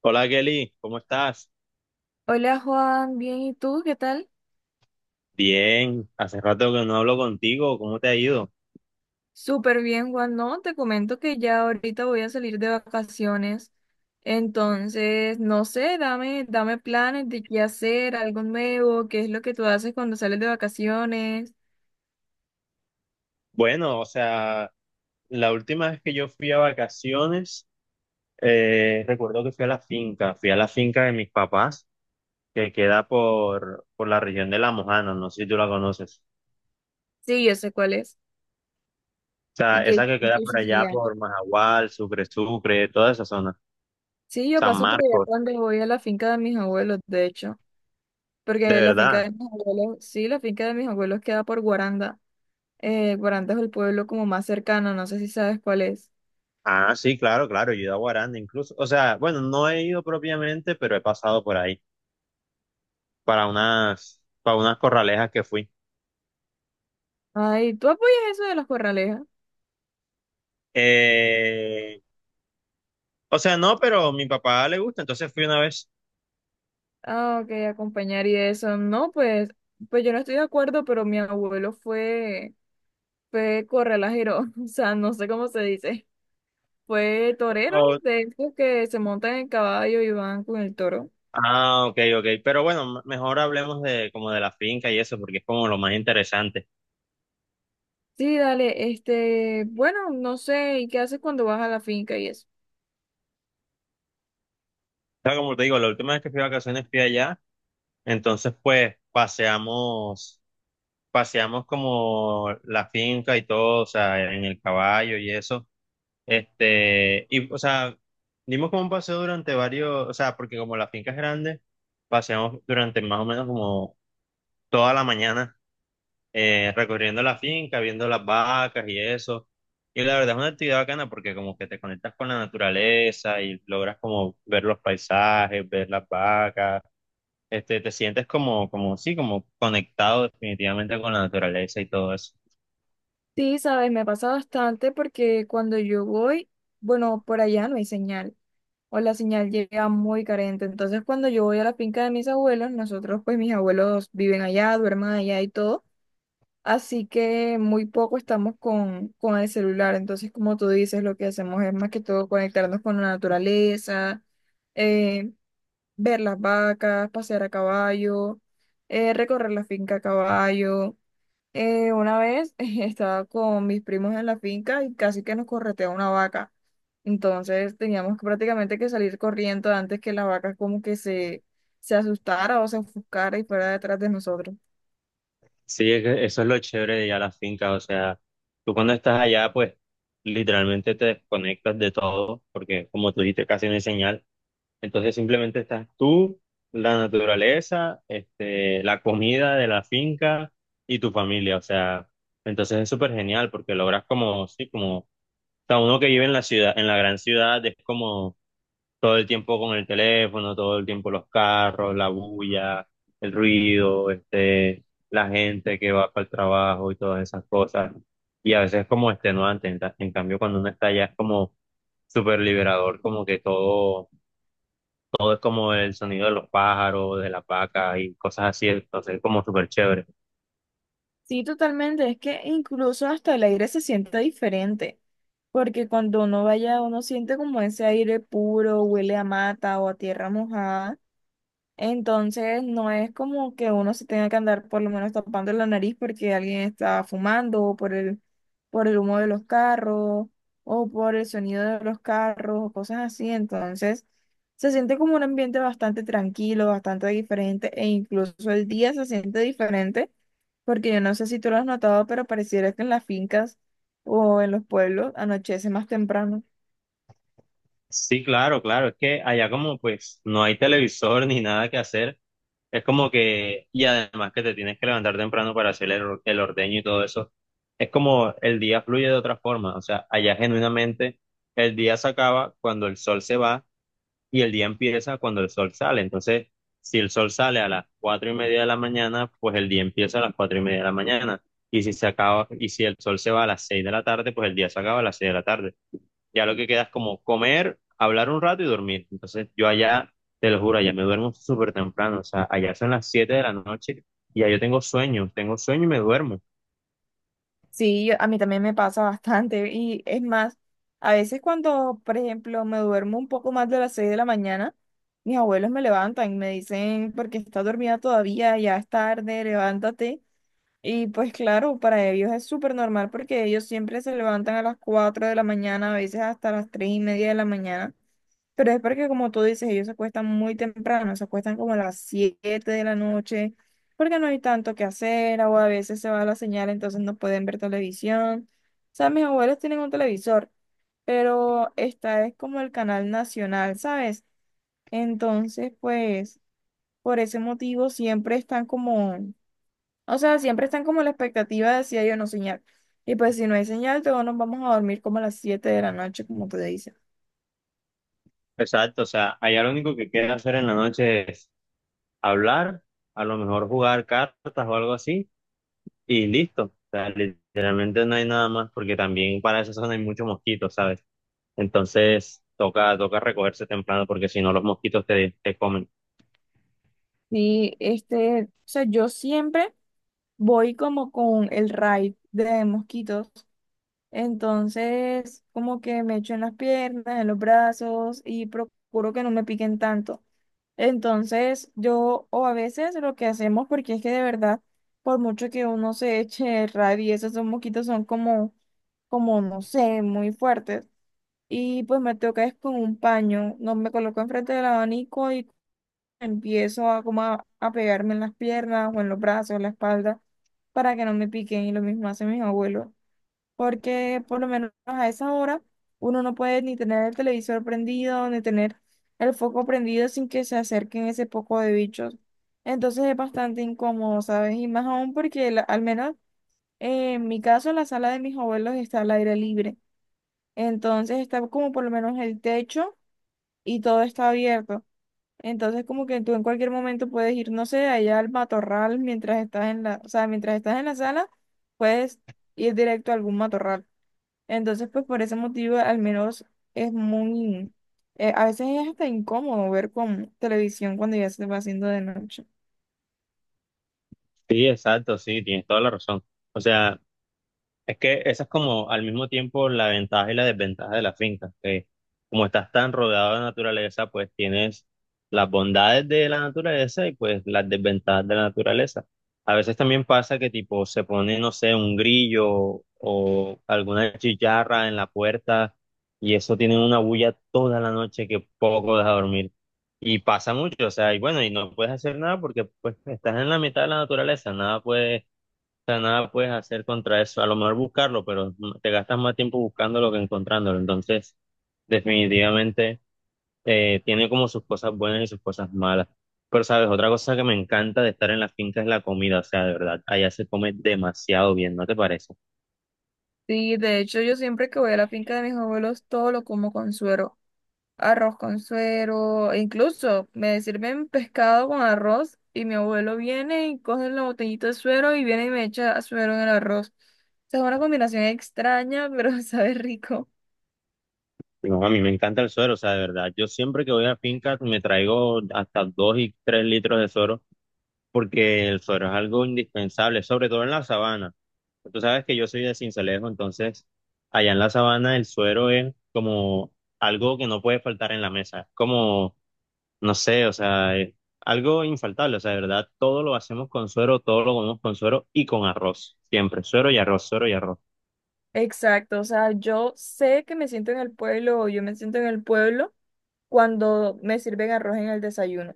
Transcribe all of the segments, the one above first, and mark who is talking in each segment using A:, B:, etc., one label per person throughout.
A: Hola Kelly, ¿cómo estás?
B: Hola Juan, bien, ¿y tú qué tal?
A: Bien, hace rato que no hablo contigo, ¿cómo te ha ido?
B: Súper bien, Juan. No, te comento que ya ahorita voy a salir de vacaciones. Entonces, no sé, dame planes de qué hacer, algo nuevo, qué es lo que tú haces cuando sales de vacaciones.
A: Bueno, o sea, la última vez que yo fui a vacaciones, recuerdo que fui a la finca, fui a la finca de mis papás, que queda por la región de La Mojana, no sé si tú la conoces.
B: Sí, yo sé cuál es.
A: O sea, esa que
B: Y
A: queda
B: qué
A: por
B: hiciste
A: allá
B: allá?
A: por Majagual, Sucre, toda esa zona,
B: Sí, yo
A: San
B: paso por allá
A: Marcos,
B: cuando voy a la finca de mis abuelos, de hecho.
A: de
B: Porque la finca
A: verdad.
B: de mis abuelos, sí, la finca de mis abuelos queda por Guaranda. Guaranda es el pueblo como más cercano, no sé si sabes cuál es.
A: Ah, sí, claro, claro, yo he ido a Guaranda incluso. O sea, bueno, no he ido propiamente, pero he pasado por ahí. Para unas corralejas que fui.
B: Ay, ¿tú apoyas eso de las corralejas?
A: Eh, o sea, no, pero a mi papá le gusta, entonces fui una vez.
B: Ah, ok, acompañar y eso. No, pues, pues yo no estoy de acuerdo, pero mi abuelo fue, fue corralajero, o sea, no sé cómo se dice. Fue torero,
A: Oh,
B: de esos que se montan en caballo y van con el toro.
A: ah, ok, ok. Pero bueno, mejor hablemos de como de la finca y eso, porque es como lo más interesante.
B: Sí, dale, este, bueno, no sé, ¿y qué haces cuando vas a la finca y eso?
A: O sea, como te digo, la última vez que fui de vacaciones fui allá, entonces pues paseamos, paseamos como la finca y todo, o sea, en el caballo y eso. Este, y, o sea, dimos como un paseo durante varios, o sea, porque como la finca es grande, paseamos durante más o menos como toda la mañana, recorriendo la finca, viendo las vacas y eso. Y la verdad es una actividad bacana porque como que te conectas con la naturaleza y logras como ver los paisajes, ver las vacas, este, te sientes como, sí, como conectado definitivamente con la naturaleza y todo eso.
B: Sí, sabes, me pasa bastante porque cuando yo voy, bueno, por allá no hay señal. O la señal llega muy carente. Entonces, cuando yo voy a la finca de mis abuelos, nosotros, pues mis abuelos viven allá, duermen allá y todo, así que muy poco estamos con el celular. Entonces, como tú dices, lo que hacemos es más que todo conectarnos con la naturaleza, eh, ver las vacas, pasear a caballo, recorrer la finca a caballo. Una vez estaba con mis primos en la finca y casi que nos corretea una vaca. Entonces teníamos que prácticamente que salir corriendo antes que la vaca como que se asustara o se ofuscara y fuera detrás de nosotros.
A: Sí, es que eso es lo chévere de ir a la finca, o sea, tú cuando estás allá, pues literalmente te desconectas de todo, porque como tú dijiste, casi no hay señal, entonces simplemente estás tú, la naturaleza, este, la comida de la finca y tu familia, o sea, entonces es súper genial porque logras como, sí, como, o sea, uno que vive en la ciudad, en la gran ciudad, es como todo el tiempo con el teléfono, todo el tiempo los carros, la bulla, el ruido, este, la gente que va para el trabajo y todas esas cosas. Y a veces es como extenuante, en cambio cuando uno está allá es como súper liberador, como que todo, todo es como el sonido de los pájaros, de la vaca y cosas así, entonces es como súper chévere.
B: Sí, totalmente. Es que incluso hasta el aire se siente diferente, porque cuando uno vaya, uno siente como ese aire puro, huele a mata o a tierra mojada. Entonces, no es como que uno se tenga que andar por lo menos tapando la nariz porque alguien está fumando o por el humo de los carros o por el sonido de los carros o cosas así. Entonces, se siente como un ambiente bastante tranquilo, bastante diferente e incluso el día se siente diferente porque yo no sé si tú lo has notado, pero pareciera que en las fincas o en los pueblos anochece más temprano.
A: Sí, claro, claro, es que allá como pues no hay televisor ni nada que hacer. Es como que, y además que te tienes que levantar temprano para hacer el ordeño y todo eso, es como el día fluye de otra forma, o sea, allá genuinamente el día se acaba cuando el sol se va y el día empieza cuando el sol sale. Entonces, si el sol sale a las 4:30 de la mañana, pues el día empieza a las 4:30 de la mañana. Y si se acaba, y si el sol se va a las 6 de la tarde, pues el día se acaba a las 6 de la tarde, ya lo que queda es como comer, hablar un rato y dormir. Entonces yo allá, te lo juro, allá me duermo súper temprano, o sea, allá son las 7 de la noche y ya yo tengo sueño y me duermo.
B: Sí, a mí también me pasa bastante y es más, a veces cuando, por ejemplo, me duermo un poco más de las 6 de la mañana, mis abuelos me levantan y me dicen, porque estás dormida todavía, ya es tarde, levántate. Y pues claro, para ellos es súper normal porque ellos siempre se levantan a las 4 de la mañana, a veces hasta las 3:30 de la mañana. Pero es porque, como tú dices, ellos se acuestan muy temprano, se acuestan como a las 7 de la noche, porque no hay tanto que hacer, o a veces se va la señal, entonces no pueden ver televisión. O sea, mis abuelos tienen un televisor, pero esta es como el canal nacional, ¿sabes? Entonces, pues, por ese motivo siempre están como, o sea, siempre están como la expectativa de si hay o no señal. Y pues, si no hay señal, todos nos vamos a dormir como a las 7 de la noche, como te dicen.
A: Exacto, o sea, allá lo único que queda hacer en la noche es hablar, a lo mejor jugar cartas o algo así y listo. O sea, literalmente no hay nada más porque también para esa zona hay muchos mosquitos, ¿sabes? Entonces toca recogerse temprano porque si no los mosquitos te comen.
B: Sí, este, o sea, yo siempre. Voy como con el raid de mosquitos. Entonces, como que me echo en las piernas, en los brazos y procuro que no me piquen tanto. Entonces, yo, o a veces lo que hacemos, porque es que de verdad, por mucho que uno se eche el raid y esos son mosquitos son como, como, no sé, muy fuertes. Y pues me toca es con un paño, no me coloco enfrente del abanico y empiezo a a pegarme en las piernas o en los brazos, en la espalda, para que no me piquen y lo mismo hacen mis abuelos, porque por lo menos a esa hora uno no puede ni tener el televisor prendido, ni tener el foco prendido sin que se acerquen ese poco de bichos. Entonces es bastante incómodo, ¿sabes? Y más aún porque al menos en mi caso la sala de mis abuelos está al aire libre, entonces está como por lo menos el techo y todo está abierto. Entonces, como que tú en cualquier momento puedes ir, no sé, allá al matorral mientras estás en la, o sea, mientras estás en la sala, puedes ir directo a algún matorral. Entonces, pues por ese motivo, al menos es muy, a veces es hasta incómodo ver con televisión cuando ya se va haciendo de noche.
A: Sí, exacto, sí, tienes toda la razón. O sea, es que esa es como al mismo tiempo la ventaja y la desventaja de la finca, que como estás tan rodeado de naturaleza, pues tienes las bondades de la naturaleza y pues las desventajas de la naturaleza. A veces también pasa que tipo se pone, no sé, un grillo o alguna chicharra en la puerta y eso tiene una bulla toda la noche que poco deja dormir. Y pasa mucho, o sea, y bueno, y no puedes hacer nada porque pues estás en la mitad de la naturaleza, nada puedes hacer contra eso. A lo mejor buscarlo, pero te gastas más tiempo buscándolo que encontrándolo. Entonces, definitivamente tiene como sus cosas buenas y sus cosas malas. Pero, ¿sabes? Otra cosa que me encanta de estar en la finca es la comida. O sea, de verdad, allá se come demasiado bien, ¿no te parece?
B: Sí, de hecho yo siempre que voy a la finca de mis abuelos todo lo como con suero. Arroz con suero, e incluso me sirven pescado con arroz y mi abuelo viene y coge la botellita de suero y viene y me echa suero en el arroz. O sea, es una combinación extraña, pero sabe rico.
A: Digo, a mí me encanta el suero, o sea, de verdad. Yo siempre que voy a finca me traigo hasta 2 y 3 litros de suero porque el suero es algo indispensable, sobre todo en la sabana. Tú sabes que yo soy de Sincelejo, entonces allá en la sabana el suero es como algo que no puede faltar en la mesa. Es como, no sé, o sea, es algo infaltable, o sea, de verdad, todo lo hacemos con suero, todo lo comemos con suero y con arroz, siempre, suero y arroz, suero y arroz.
B: Exacto, o sea, yo sé que me siento en el pueblo o yo me siento en el pueblo cuando me sirven arroz en el desayuno.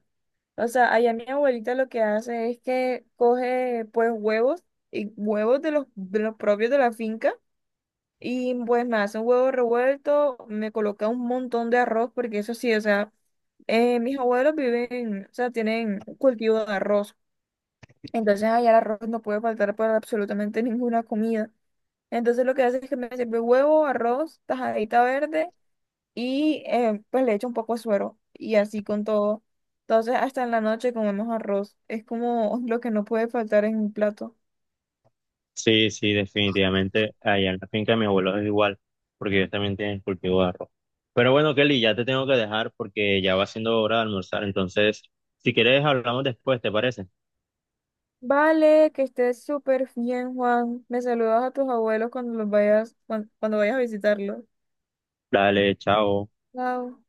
B: O sea, allá mi abuelita lo que hace es que coge pues huevos y huevos de los propios de la finca. Y pues me hace un huevo revuelto, me coloca un montón de arroz, porque eso sí, o sea, mis abuelos viven, o sea, tienen un cultivo de arroz. Entonces allá el arroz no puede faltar para absolutamente ninguna comida. Entonces lo que hace es que me sirve huevo, arroz, tajadita verde y pues le echo un poco de suero y así con todo. Entonces hasta en la noche comemos arroz. Es como lo que no puede faltar en un plato.
A: Sí, sí, definitivamente. Allá en la finca de mi abuelo es igual, porque ellos también tienen cultivo de arroz. Pero bueno, Kelly, ya te tengo que dejar porque ya va siendo hora de almorzar. Entonces, si quieres, hablamos después, ¿te parece?
B: Vale, que estés súper bien, Juan. Me saludas a tus abuelos cuando los vayas, cuando vayas a visitarlos.
A: Dale, chao.
B: Chao.